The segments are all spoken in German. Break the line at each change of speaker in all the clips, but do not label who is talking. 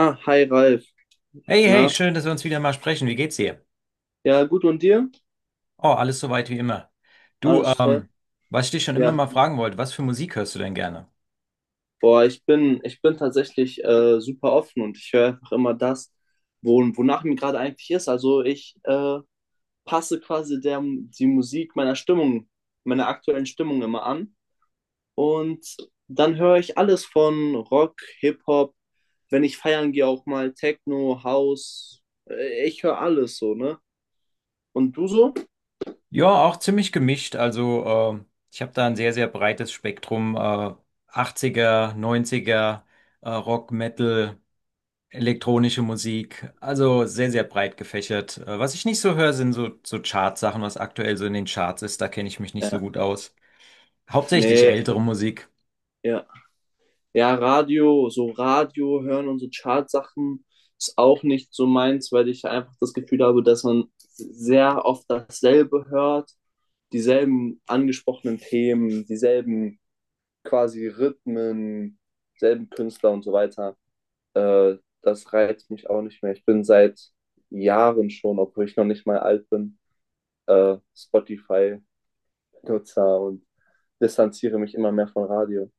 Ah, hi Ralf.
Hey,
Na?
hey, schön, dass wir uns wieder mal sprechen. Wie geht's dir?
Ja, gut und dir?
Oh, alles soweit wie immer. Du,
Alles toll?
was ich dich schon immer
Ja.
mal fragen wollte, was für Musik hörst du denn gerne?
Boah, ich bin tatsächlich super offen und ich höre einfach immer das, wonach mir gerade eigentlich ist. Also ich passe quasi die Musik meiner Stimmung, meiner aktuellen Stimmung immer an. Und dann höre ich alles von Rock, Hip-Hop, wenn ich feiern gehe, auch mal Techno, House. Ich höre alles so, ne? Und du so?
Ja, auch ziemlich gemischt. Also, ich habe da ein sehr, sehr breites Spektrum. 80er, 90er, Rock, Metal, elektronische Musik. Also sehr, sehr breit gefächert. Was ich nicht so höre, sind so, so Chartsachen, was aktuell so in den Charts ist. Da kenne ich mich nicht so
Ja.
gut aus. Hauptsächlich
Nee.
ältere Musik.
Ja. Ja, Radio, so Radio hören und so Chartsachen ist auch nicht so meins, weil ich einfach das Gefühl habe, dass man sehr oft dasselbe hört, dieselben angesprochenen Themen, dieselben quasi Rhythmen, selben Künstler und so weiter. Äh, Das reizt mich auch nicht mehr. Ich bin seit Jahren schon, obwohl ich noch nicht mal alt bin, Spotify-Nutzer und distanziere mich immer mehr von Radio.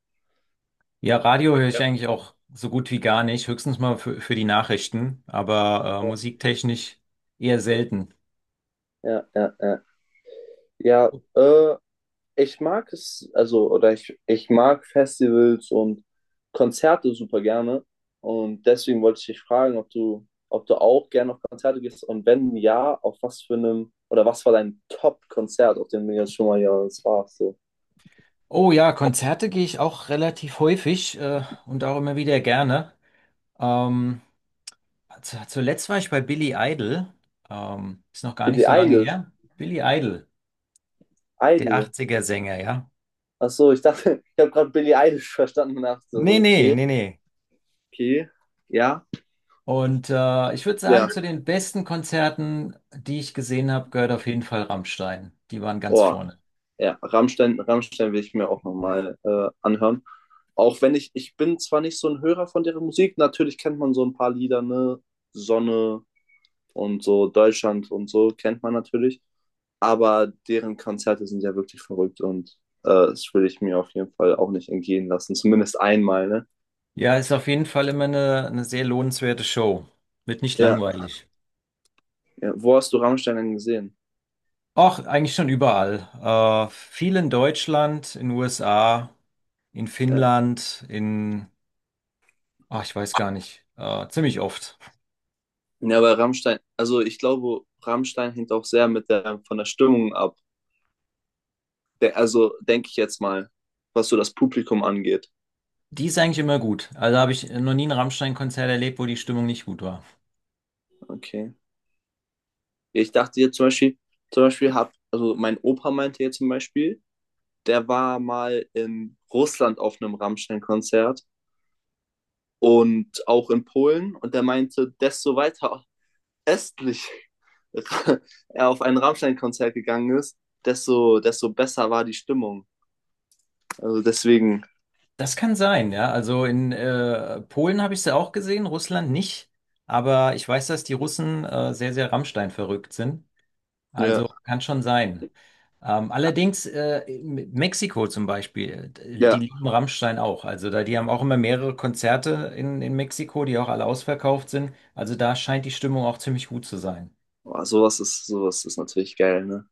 Ja, Radio höre ich
Ja.
eigentlich auch so gut wie gar nicht, höchstens mal für die Nachrichten, aber
Ja,
musiktechnisch eher selten.
ja, ja. Ja, ich mag es, also, oder ich mag Festivals und Konzerte super gerne. Und deswegen wollte ich dich fragen, ob du auch gerne auf Konzerte gehst und wenn ja, auf was für einem, oder was war dein Top-Konzert, auf dem du jetzt schon mal ja, das warst so.
Oh ja, Konzerte gehe ich auch relativ häufig und auch immer wieder gerne. Ähm, zuletzt war ich bei Billy Idol, ist noch gar nicht
Billie
so lange
Eilish,
her. Billy Idol, der
Idol.
80er-Sänger, ja.
Ach so, ich dachte, ich habe gerade Billie Eilish verstanden und dachte so,
Nee, nee,
okay,
nee, nee.
okay, ja,
Und ich würde
ja,
sagen, zu den besten Konzerten, die ich gesehen habe, gehört auf jeden Fall Rammstein. Die waren ganz
boah.
vorne.
Ja, Rammstein, Rammstein will ich mir auch nochmal anhören. Auch wenn ich, ich bin zwar nicht so ein Hörer von deren Musik, natürlich kennt man so ein paar Lieder, ne? Sonne und so, Deutschland und so, kennt man natürlich. Aber deren Konzerte sind ja wirklich verrückt und das will ich mir auf jeden Fall auch nicht entgehen lassen. Zumindest einmal, ne?
Ja, ist auf jeden Fall immer eine sehr lohnenswerte Show. Wird nicht
Ja.
langweilig.
Ja. Wo hast du Rammstein denn gesehen?
Ach, eigentlich schon überall. Viel in Deutschland, in USA, in
Ja.
Finnland, ach, ich weiß gar nicht, ziemlich oft.
Ja, aber Rammstein, also ich glaube, Rammstein hängt auch sehr mit der, von der Stimmung ab. De Also denke ich jetzt mal, was so das Publikum angeht.
Die ist eigentlich immer gut. Also habe ich noch nie ein Rammstein-Konzert erlebt, wo die Stimmung nicht gut war.
Okay. Ich dachte jetzt zum Beispiel, also mein Opa meinte jetzt zum Beispiel, der war mal in Russland auf einem Rammstein-Konzert und auch in Polen und der meinte, desto weiter östlich er auf ein Rammstein-Konzert gegangen ist, desto besser war die Stimmung. Also deswegen,
Das kann sein, ja. Also in Polen habe ich sie auch gesehen, Russland nicht. Aber ich weiß, dass die Russen sehr, sehr Rammstein verrückt sind.
ja,
Also kann schon sein. Allerdings in Mexiko zum Beispiel, die
ja,
lieben Rammstein auch. Also da, die haben auch immer mehrere Konzerte in Mexiko, die auch alle ausverkauft sind. Also da scheint die Stimmung auch ziemlich gut zu sein.
oh, sowas ist natürlich geil, ne?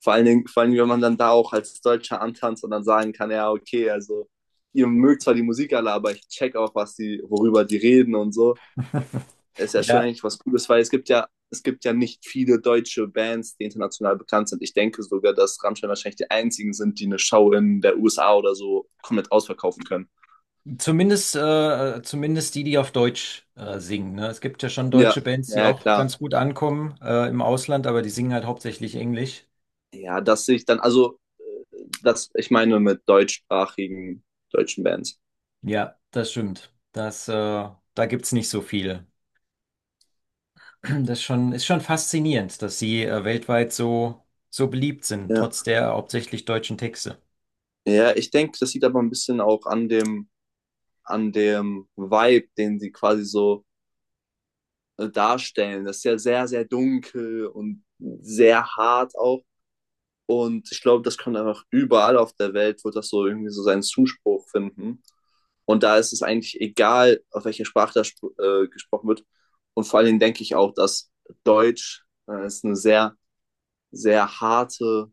Vor allen Dingen, wenn man dann da auch als Deutscher antanzt und dann sagen kann, ja, okay, also ihr mögt zwar die Musik alle, aber ich check auch, was die, worüber die reden und so. Ist ja schon
Ja,
eigentlich was Cooles, weil es gibt ja nicht viele deutsche Bands, die international bekannt sind. Ich denke sogar, dass Rammstein wahrscheinlich die einzigen sind, die eine Show in der USA oder so komplett ausverkaufen können.
zumindest, zumindest die, die auf Deutsch singen. Ne? Es gibt ja schon
Ja,
deutsche Bands, die
ja, ja,
auch
klar.
ganz gut ankommen im Ausland, aber die singen halt hauptsächlich Englisch.
Ja, dass ich dann, also, das, ich meine mit deutschsprachigen deutschen Bands.
Ja, das stimmt. Da gibt's nicht so viel. Das ist schon faszinierend, dass sie weltweit so, so beliebt sind,
Ja,
trotz der hauptsächlich deutschen Texte.
ja ich denke, das liegt aber ein bisschen auch an dem Vibe, den sie quasi so darstellen. Das ist ja sehr, sehr dunkel und sehr hart auch. Und ich glaube, das kommt einfach überall auf der Welt, wird das so irgendwie so seinen Zuspruch finden. Und da ist es eigentlich egal, auf welcher Sprache das gesprochen wird. Und vor allen Dingen denke ich auch, dass Deutsch ist eine sehr, sehr harte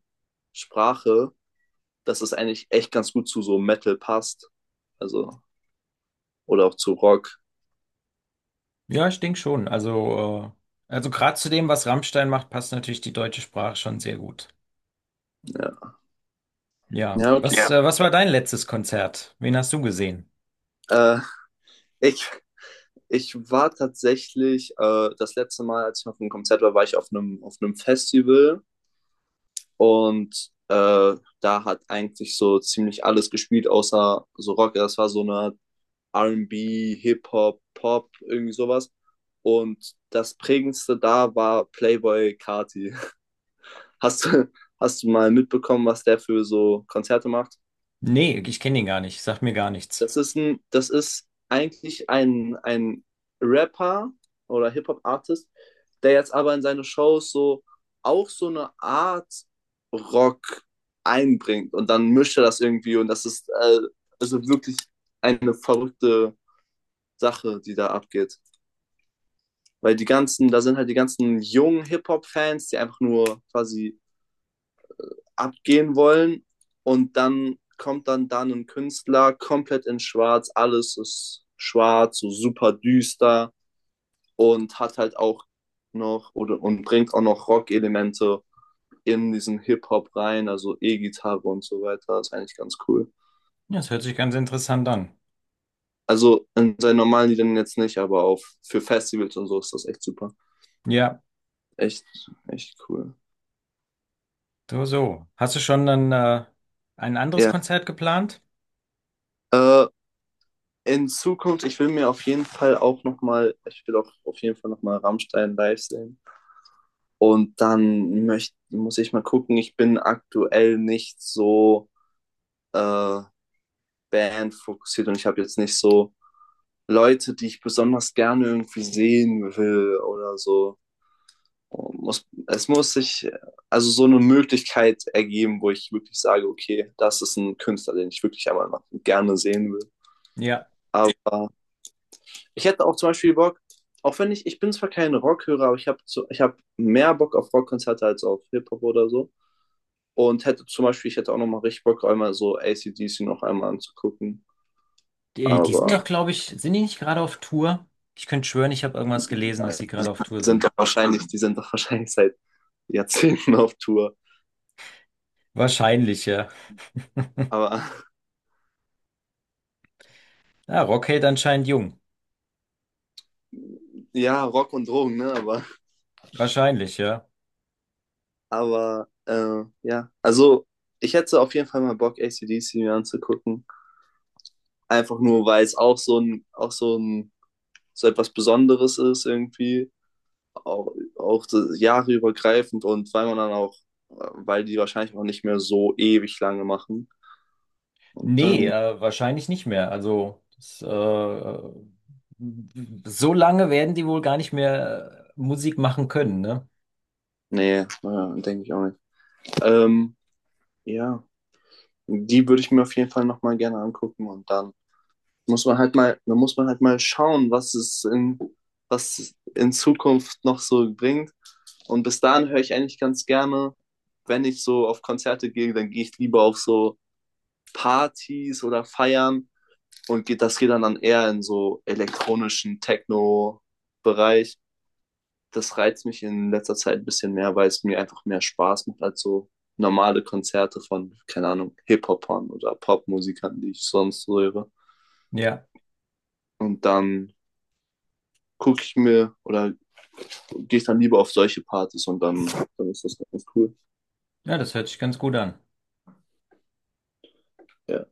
Sprache, dass es eigentlich echt ganz gut zu so Metal passt. Also, oder auch zu Rock.
Ja, ich denke schon. Also gerade zu dem, was Rammstein macht, passt natürlich die deutsche Sprache schon sehr gut.
Ja,
Ja.
ja okay.
Was,
Ja.
was war dein letztes Konzert? Wen hast du gesehen?
Äh, Ich, ich war tatsächlich, das letzte Mal, als ich auf einem Konzert war, war ich auf einem Festival und da hat eigentlich so ziemlich alles gespielt, außer so Rock. Das war so eine R&B, Hip-Hop, Pop, irgendwie sowas. Und das prägendste da war Playboy Carti. Hast du, hast du mal mitbekommen, was der für so Konzerte macht?
Nee, ich kenne ihn gar nicht. Sagt mir gar nichts.
Das ist ein, das ist eigentlich ein Rapper oder Hip-Hop-Artist, der jetzt aber in seine Shows so auch so eine Art Rock einbringt und dann mischt er das irgendwie und das ist also wirklich eine verrückte Sache, die da abgeht. Weil die ganzen, da sind halt die ganzen jungen Hip-Hop-Fans, die einfach nur quasi abgehen wollen. Und dann kommt dann da ein Künstler komplett in schwarz, alles ist schwarz, so super düster und hat halt auch noch oder und bringt auch noch Rock-Elemente in diesen Hip-Hop rein, also E-Gitarre und so weiter. Das ist eigentlich ganz cool.
Ja, das hört sich ganz interessant an.
Also in seinen normalen Liedern jetzt nicht, aber auf für Festivals und so ist das echt super.
Ja,
Echt, echt cool.
so, so. Hast du schon dann, ein anderes
Ja.
Konzert geplant?
Yeah. In Zukunft, ich will mir auf jeden Fall auch nochmal, ich will auch auf jeden Fall nochmal Rammstein live sehen. Und dann muss ich mal gucken, ich bin aktuell nicht so äh, bandfokussiert und ich habe jetzt nicht so Leute, die ich besonders gerne irgendwie sehen will oder so. Es muss sich also so eine Möglichkeit ergeben, wo ich wirklich sage, okay, das ist ein Künstler, den ich wirklich einmal mal gerne sehen will.
Ja.
Aber ich hätte auch zum Beispiel Bock, auch wenn ich, ich bin zwar kein Rockhörer, aber ich hab mehr Bock auf Rockkonzerte als auf Hip-Hop oder so. Und ich hätte auch nochmal richtig Bock, einmal so ACDC noch einmal anzugucken.
Die, die
Aber
sind doch, glaube ich, sind die nicht gerade auf Tour? Ich könnte schwören, ich habe irgendwas gelesen, dass
äh,
sie gerade auf Tour sind.
die sind doch wahrscheinlich seit Jahrzehnten auf Tour.
Wahrscheinlich, ja.
Aber
Ja, Rockade anscheinend jung.
ja, Rock und Drogen, ne?
Wahrscheinlich, ja.
Aber ja, also ich hätte auf jeden Fall mal Bock, ACDC mir anzugucken. Einfach nur, weil es auch so ein, so etwas Besonderes ist irgendwie. Auch jahreübergreifend und weil man dann auch, weil die wahrscheinlich auch nicht mehr so ewig lange machen. Und
Nee,
dann,
wahrscheinlich nicht mehr. Also, so lange werden die wohl gar nicht mehr Musik machen können, ne?
nee, naja, denke ich auch nicht. Ähm, ja, die würde ich mir auf jeden Fall nochmal gerne angucken und dann muss man halt mal, dann muss man halt mal schauen, was in Zukunft noch so bringt. Und bis dahin höre ich eigentlich ganz gerne, wenn ich so auf Konzerte gehe, dann gehe ich lieber auf so Partys oder Feiern und das geht dann eher in so elektronischen Techno-Bereich. Das reizt mich in letzter Zeit ein bisschen mehr, weil es mir einfach mehr Spaß macht als so normale Konzerte von, keine Ahnung, Hip-Hopern oder Popmusikern, die ich sonst so höre.
Ja.
Und dann gucke ich mir oder gehe ich dann lieber auf solche Partys und dann ist das ganz cool.
Ja, das hört sich ganz gut an.
Ja.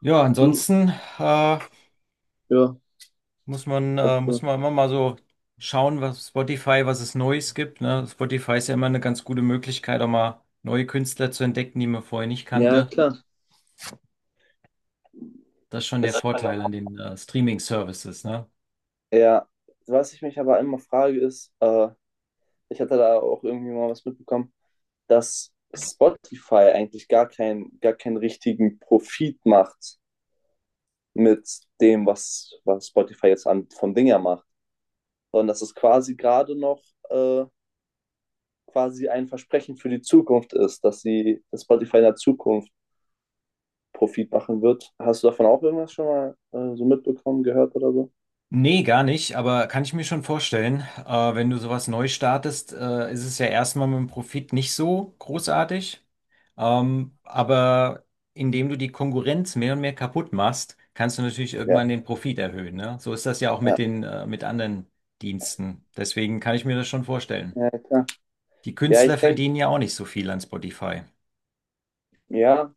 Ja,
Und du?
ansonsten, äh,
Ja,
Muss
etwa.
man immer mal so schauen, was Spotify, was es Neues gibt, ne? Spotify ist ja immer eine ganz gute Möglichkeit, auch mal neue Künstler zu entdecken, die man vorher nicht
Ja,
kannte.
klar.
Das ist schon der
Es,
Vorteil an den Streaming-Services, ne?
ja, was ich mich aber immer frage ist, ich hatte da auch irgendwie mal was mitbekommen, dass Spotify eigentlich gar, kein, gar keinen richtigen Profit macht mit dem, was Spotify jetzt an, von Dinger macht, sondern dass es quasi gerade noch äh, quasi ein Versprechen für die Zukunft ist, dass Spotify in der Zukunft Profit machen wird. Hast du davon auch irgendwas schon mal so mitbekommen, gehört oder so?
Nee, gar nicht, aber kann ich mir schon vorstellen, wenn du sowas neu startest, ist es ja erstmal mit dem Profit nicht so großartig. Aber indem du die Konkurrenz mehr und mehr kaputt machst, kannst du natürlich
Ja,
irgendwann den Profit erhöhen, ne? So ist das ja auch mit
ja,
den, mit anderen Diensten. Deswegen kann ich mir das schon vorstellen.
ja, klar.
Die
Ja,
Künstler
ich denke,
verdienen ja auch nicht so viel an Spotify.
ja,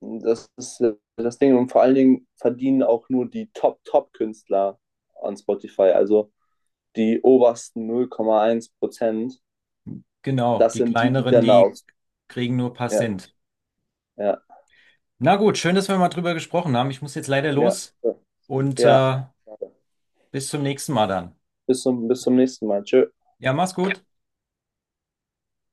das ist das Ding. Und vor allen Dingen verdienen auch nur die Top-Top-Künstler an Spotify, also die obersten 0,1%.
Genau,
Das
die
sind die, die
kleineren,
dann
die
aus.
kriegen nur ein paar
Ja,
Cent.
ja.
Na gut, schön, dass wir mal drüber gesprochen haben. Ich muss jetzt leider
Ja,
los und
ja.
bis zum nächsten Mal dann.
Bis zum nächsten Mal. Tschö.
Ja, mach's gut.